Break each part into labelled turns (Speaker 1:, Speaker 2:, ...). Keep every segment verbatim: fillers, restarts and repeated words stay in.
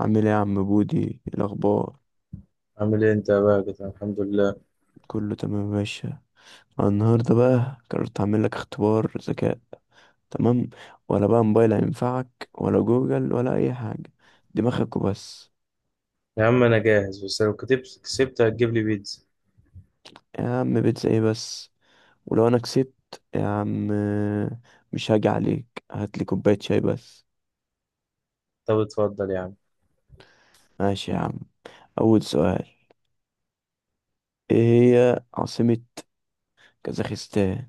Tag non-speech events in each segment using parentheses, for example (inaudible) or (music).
Speaker 1: عامل ايه يا عم بودي؟ إيه الاخبار؟
Speaker 2: عامل ايه انت يا باجت؟ الحمد لله.
Speaker 1: كله تمام يا باشا. أنا النهارده بقى قررت اعمل لك اختبار ذكاء، تمام؟ ولا بقى موبايل هينفعك ولا جوجل ولا اي حاجه، دماغك وبس.
Speaker 2: يا عم انا جاهز، بس لو كتبت كسبت هتجيب لي بيتزا؟
Speaker 1: يا عم بيتزا ايه بس؟ ولو انا كسبت يا عم، مش هاجي عليك، هات لي كوبايه شاي بس.
Speaker 2: طب اتفضل يا عم.
Speaker 1: ماشي يا عم. اول سؤال، ايه هي عاصمه كازاخستان؟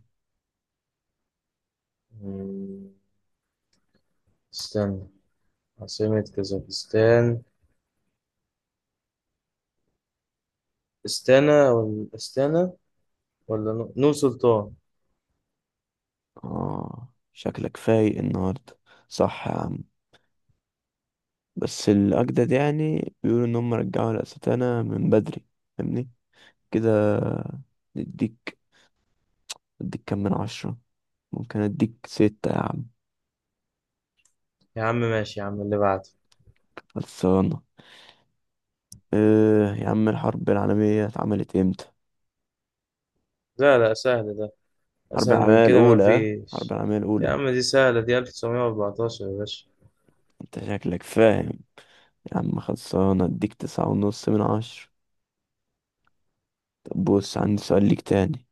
Speaker 2: مم، استنى، عاصمة كازاخستان استانا ولا استانا ولا نو نو سلطان؟
Speaker 1: اه شكلك فايق النهارده، صح يا عم، بس الأجدد يعني بيقولوا إن هم رجعوا الأستانة من بدري، فاهمني كده؟ نديك، اديك كام من عشرة؟ ممكن اديك ستة يا عم.
Speaker 2: يا عم ماشي يا عم اللي بعده.
Speaker 1: خلصانة؟ إيه يا عم، الحرب العالمية اتعملت امتى؟
Speaker 2: لا، لا، سهل ده.
Speaker 1: الحرب
Speaker 2: اسهل من
Speaker 1: العالمية
Speaker 2: كده ما
Speaker 1: الأولى، ها؟ الحرب
Speaker 2: فيش.
Speaker 1: العالمية
Speaker 2: يا
Speaker 1: الأولى.
Speaker 2: عم دي سهلة، دي ألف وتسعمية وأربعتاشر يا باشا.
Speaker 1: انت شكلك فاهم يا عم، خلصانة، اديك تسعة ونص من عشرة. طب بص، عندي سؤال ليك تاني.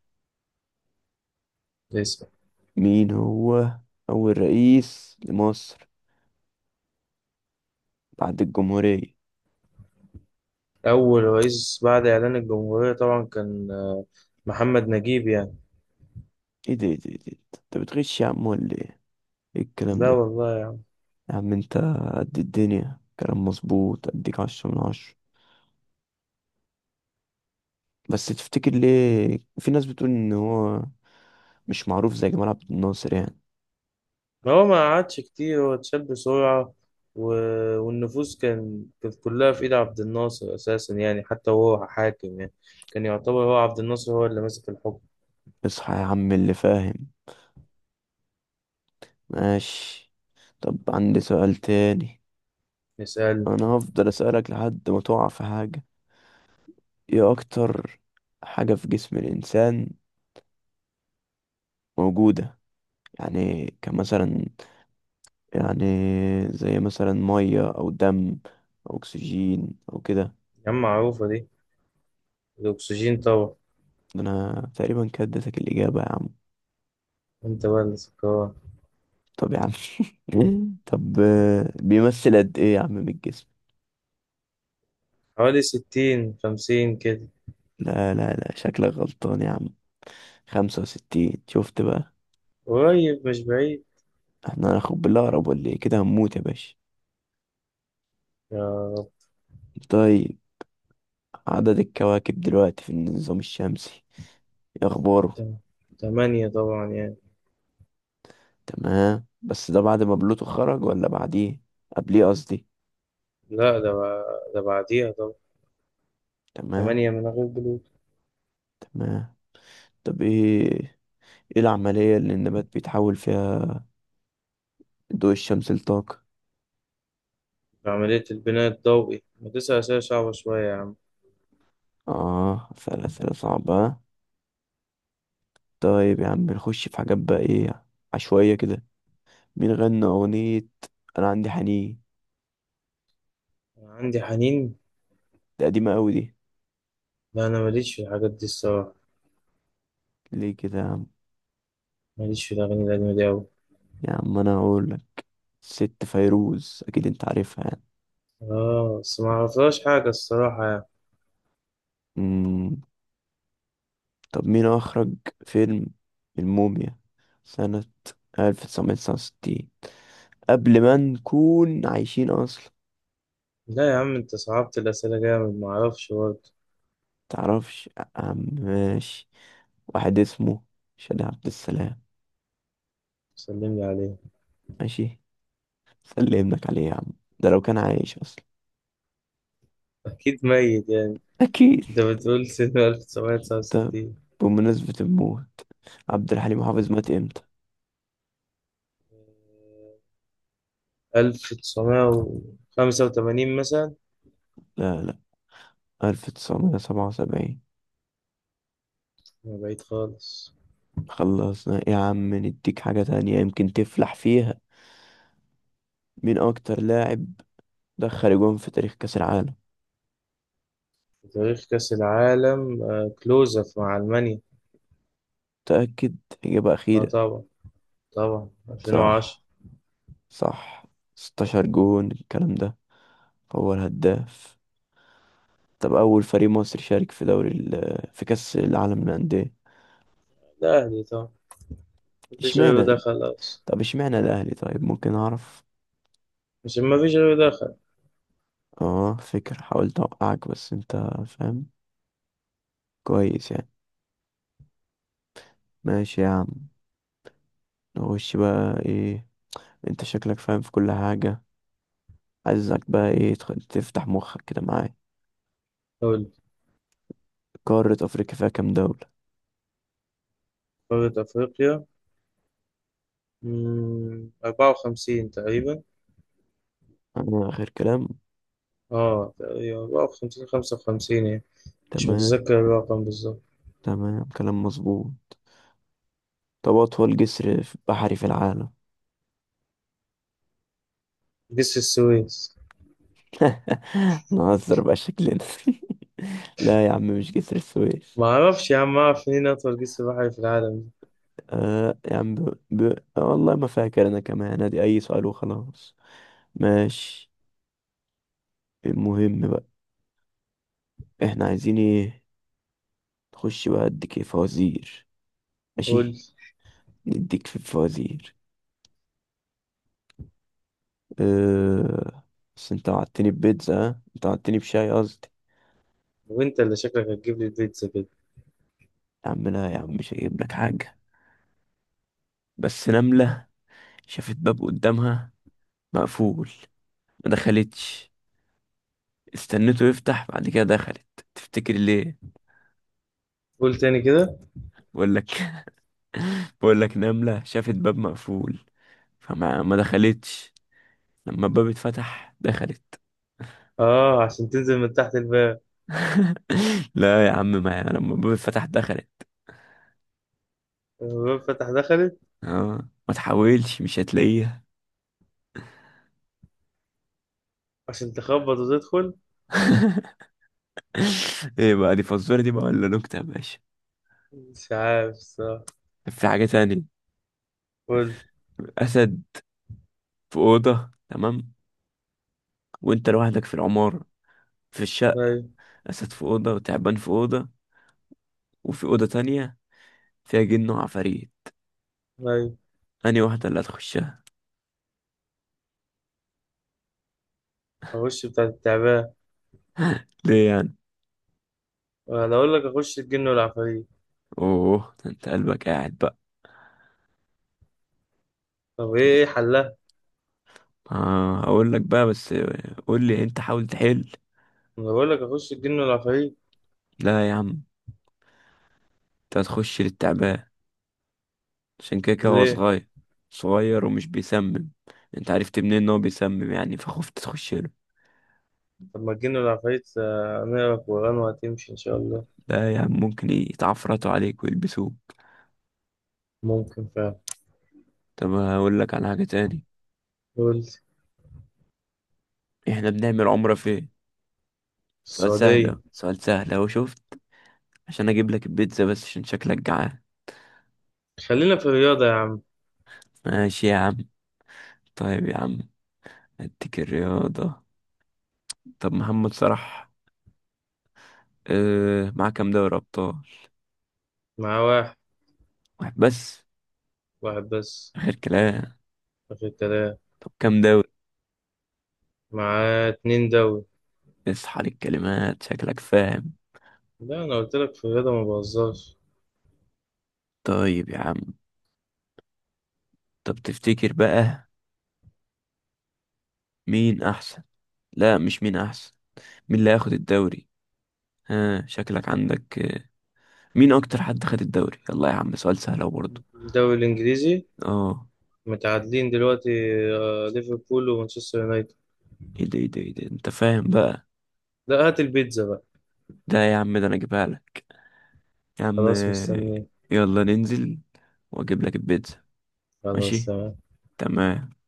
Speaker 2: اسأل.
Speaker 1: مين هو أول رئيس لمصر بعد الجمهورية؟
Speaker 2: اول رئيس بعد اعلان الجمهورية طبعا كان آه، محمد نجيب يعني.
Speaker 1: ايه ده ايه ده ايه ده انت بتغش يا عم ولا ايه؟ ايه الكلام
Speaker 2: لا
Speaker 1: ده؟
Speaker 2: والله يا...
Speaker 1: يا عم انت قد الدنيا، كلام مظبوط، اديك عشرة من عشرة. بس تفتكر ليه في ناس بتقول ان هو مش معروف زي جمال عبد الناصر يعني؟
Speaker 2: ما هو ما قعدش كتير، هو اتشال بسرعة. و... والنفوذ كان كانت كلها في إيد عبد الناصر أساسا، يعني حتى وهو حاكم يعني. كان يعتبر هو عبد الناصر هو اللي ماسك الحكم.
Speaker 1: اصحى يا عم اللي فاهم. ماشي. طب عندي سؤال تاني.
Speaker 2: نسأل.
Speaker 1: انا هفضل اسألك لحد ما تقع في حاجة. ايه اكتر حاجة في جسم الانسان موجودة؟ يعني كمثلا، يعني زي مثلا مية او دم او اكسجين او كده.
Speaker 2: يا عم معروفة دي، الأكسجين طبعا.
Speaker 1: انا تقريبا كده اديتك الاجابه يا عم.
Speaker 2: أنت بقى اللي سكران.
Speaker 1: طب يا عم (laughs) طب آه، بيمثل قد ايه يا عم من الجسم؟
Speaker 2: حوالي ستين خمسين كده.
Speaker 1: لا لا لا، شكلك غلطان يا عم، خمسة وستين، شفت بقى؟
Speaker 2: قريب مش بعيد.
Speaker 1: احنا هناخد بالاقرب ولا ايه؟ كده هنموت يا باشا.
Speaker 2: يا رب.
Speaker 1: طيب، عدد الكواكب دلوقتي في النظام الشمسي، ايه اخباره؟
Speaker 2: تم- تمانية طبعا يعني.
Speaker 1: تمام، بس ده بعد ما بلوتو خرج ولا بعديه؟ قبليه قصدي.
Speaker 2: لا ده بع- ده بعديها طبعا.
Speaker 1: تمام.
Speaker 2: تمانية من غير جلوكوز.
Speaker 1: تمام. طب ايه، ايه العملية اللي النبات بيتحول فيها ضوء الشمس لطاقة؟
Speaker 2: عملية البناء الضوئي، ما تسعة أسئلة صعبة شوية يا عم.
Speaker 1: اه أسأل أسئلة صعبة. طيب يا عم، نخش في حاجات بقى ايه، عشوائية كده. مين غنى أغنية أنا عندي حنين؟
Speaker 2: أنا عندي حنين.
Speaker 1: ده قديمة أوي دي،
Speaker 2: لا انا ماليش في الحاجات دي الصراحه.
Speaker 1: ليه كده يا عم؟
Speaker 2: ماليش في الاغاني القديمه دي قوي.
Speaker 1: يا عم أنا هقولك، ست فيروز، أكيد أنت عارفها يعني.
Speaker 2: اه بس ما اعرفلهاش حاجه الصراحه يعني.
Speaker 1: مم. طب مين أخرج فيلم الموميا سنة ألف وتسعمية وتسعة وستين؟ قبل ما نكون عايشين أصلا.
Speaker 2: لا يا عم انت صعبت الاسئله جامد، ما اعرفش برضه.
Speaker 1: متعرفش يا عم؟ ماشي. واحد اسمه شادي عبد السلام.
Speaker 2: سلم لي عليه.
Speaker 1: ماشي، خلي ابنك عليه يا عم، ده لو كان عايش اصلا.
Speaker 2: (laughs) اكيد ميت يعني.
Speaker 1: اكيد.
Speaker 2: انت بتقول سنه
Speaker 1: طب
Speaker 2: ألف وتسعمائة وتسعة وستين.
Speaker 1: بمناسبة الموت، عبد الحليم حافظ مات امتى؟
Speaker 2: ألف وتسعمائة وخمسة وثمانين مثلا.
Speaker 1: لا لا، ألف وتسعمية وسبعة وسبعين.
Speaker 2: ما بعيد خالص.
Speaker 1: خلصنا يا عم، نديك حاجة تانية يمكن تفلح فيها. مين اكتر لاعب دخل جون في تاريخ كأس العالم؟
Speaker 2: تاريخ كاس العالم آه، كلوزف مع المانيا.
Speaker 1: تأكد، اجابة
Speaker 2: اه
Speaker 1: اخيرة.
Speaker 2: طبعا. طبعا ألفين وعشرة.
Speaker 1: صح، صح. ستة عشر جون الكلام ده، هو الهداف. طب اول فريق مصري شارك في دوري ال- في كأس العالم للأندية؟
Speaker 2: الاهلي طبعا. مفيش غيره،
Speaker 1: اشمعنى؟
Speaker 2: ده خلاص.
Speaker 1: طب اشمعنى الاهلي، طيب ممكن اعرف؟
Speaker 2: مش مفيش غيره، ده خلاص.
Speaker 1: اه فكرة، حاولت اوقعك بس انت فاهم كويس يعني. ماشي يا عم، نخش بقى ايه، انت شكلك فاهم في كل حاجة. عايزك بقى ايه، تخ- تفتح مخك كده معايا.
Speaker 2: قول.
Speaker 1: قارة افريقيا فيها كام دولة؟
Speaker 2: قارة أفريقيا، مم، أربعة وخمسين تقريبا.
Speaker 1: انا اخر كلام.
Speaker 2: اه تقريبا أربعة وخمسين خمسة وخمسين يعني. مش
Speaker 1: تمام.
Speaker 2: متذكر الرقم بالظبط.
Speaker 1: تمام، كلام مظبوط. طب اطول جسر في- بحري في العالم؟
Speaker 2: جسر السويس.
Speaker 1: (laughs) نهزر بقى شكلنا (laughs) لا يا عم مش جسر السويس.
Speaker 2: ما اعرفش يا عم، اعرف منين اطول جسر بحري في العالم؟
Speaker 1: آه يا عم ب... ب... والله ما فاكر انا كمان، ادي اي سؤال وخلاص. ماشي. المهم بقى، احنا عايزين ايه، نخش بقى اديك ايه؟ فوازير.
Speaker 2: قول.
Speaker 1: ماشي، نديك في الفوازير. أه... بس انت وعدتني ببيتزا، ها؟ انت وعدتني بشاي قصدي.
Speaker 2: وانت اللي شكلك هتجيب لي البيتزا كده.
Speaker 1: يا عم لا يا عم، مش هجيب لك حاجة. بس نملة شافت باب قدامها مقفول، ما دخلتش، استنته يفتح بعد كده دخلت. تفتكر ليه؟
Speaker 2: قول تاني كده.
Speaker 1: بقول لك (laughs) بقول لك، نملة شافت باب مقفول، فما ما دخلتش، لما الباب اتفتح دخلت.
Speaker 2: اه عشان تنزل من تحت الباب.
Speaker 1: (laughs) لا يا عم، ما انا لما الباب اتفتح دخلت.
Speaker 2: الباب فتح دخلت.
Speaker 1: اه ما تحاولش، مش هتلاقيها.
Speaker 2: عشان تخبط وتدخل.
Speaker 1: (laughs) ايه بقى، دي فزوره دي بقى ولا نكته يا باشا؟
Speaker 2: مش عارف الصراحة.
Speaker 1: في حاجه تانية.
Speaker 2: قول.
Speaker 1: اسد في اوضه، تمام؟ وانت لوحدك في العماره، في الشقه.
Speaker 2: طيب.
Speaker 1: اسد في اوضه، وتعبان في اوضه، وفي اوضه تانية فيها جن وعفاريت.
Speaker 2: طيب.
Speaker 1: انهي واحده اللي هتخشها؟
Speaker 2: اخش بتاع التعبان.
Speaker 1: ليه يعني؟
Speaker 2: انا اقول لك اخش الجن والعفاريت.
Speaker 1: اوه، ده انت قلبك قاعد بقى.
Speaker 2: طب ايه
Speaker 1: طب
Speaker 2: إيه حلها؟
Speaker 1: اه هقول لك بقى، بس قول لي انت، حاول تحل.
Speaker 2: انا بقول لك اخش الجن والعفاريت.
Speaker 1: لا يا عم، انت هتخش للتعبان، عشان كده كده هو
Speaker 2: ليه؟
Speaker 1: صغير، صغير ومش بيسمم. انت عرفت منين ان هو بيسمم يعني، فخفت تخش له؟
Speaker 2: طب ما تجينا العفاريت، آه، نقرا قرآن وهتمشي إن شاء الله.
Speaker 1: لا يا عم، ممكن يتعفرطوا عليك ويلبسوه.
Speaker 2: ممكن فعلا.
Speaker 1: طب هقول لك على حاجة تاني.
Speaker 2: قول.
Speaker 1: احنا بنعمل عمرة فين؟ سؤال سهل اهو،
Speaker 2: السعودية.
Speaker 1: سؤال سهل اهو، شفت؟ عشان اجيب لك البيتزا بس عشان شكلك جعان.
Speaker 2: خلينا في الرياضة يا عم.
Speaker 1: ماشي يا عم. طيب يا عم، اديك الرياضة. طب محمد صلاح، اه معاه كام دوري ابطال؟
Speaker 2: مع واحد.
Speaker 1: واحد بس؟
Speaker 2: واحد بس.
Speaker 1: غير كلام.
Speaker 2: آخر الكلام.
Speaker 1: طب كام دوري؟
Speaker 2: مع اتنين دوري.
Speaker 1: اصحى للكلمات، شكلك فاهم.
Speaker 2: لا أنا قلت لك في الرياضة ما بهزرش.
Speaker 1: طيب يا عم، طب تفتكر بقى مين احسن؟ لا، مش مين احسن، مين اللي هياخد الدوري؟ ها شكلك عندك آه، مين اكتر حد خد الدوري؟ يلا يا عم، سؤال سهل أهو برضه.
Speaker 2: الدوري الإنجليزي.
Speaker 1: اه.
Speaker 2: متعادلين دلوقتي. آه، ليفربول ومانشستر يونايتد.
Speaker 1: ايه ده ايه ده ايه ده انت فاهم بقى.
Speaker 2: لا، هات البيتزا بقى.
Speaker 1: ده يا عم، ده انا اجيبها لك يا عم،
Speaker 2: خلاص
Speaker 1: آه،
Speaker 2: مستني.
Speaker 1: يلا ننزل واجيب لك البيتزا.
Speaker 2: خلاص
Speaker 1: ماشي،
Speaker 2: تمام.
Speaker 1: تمام.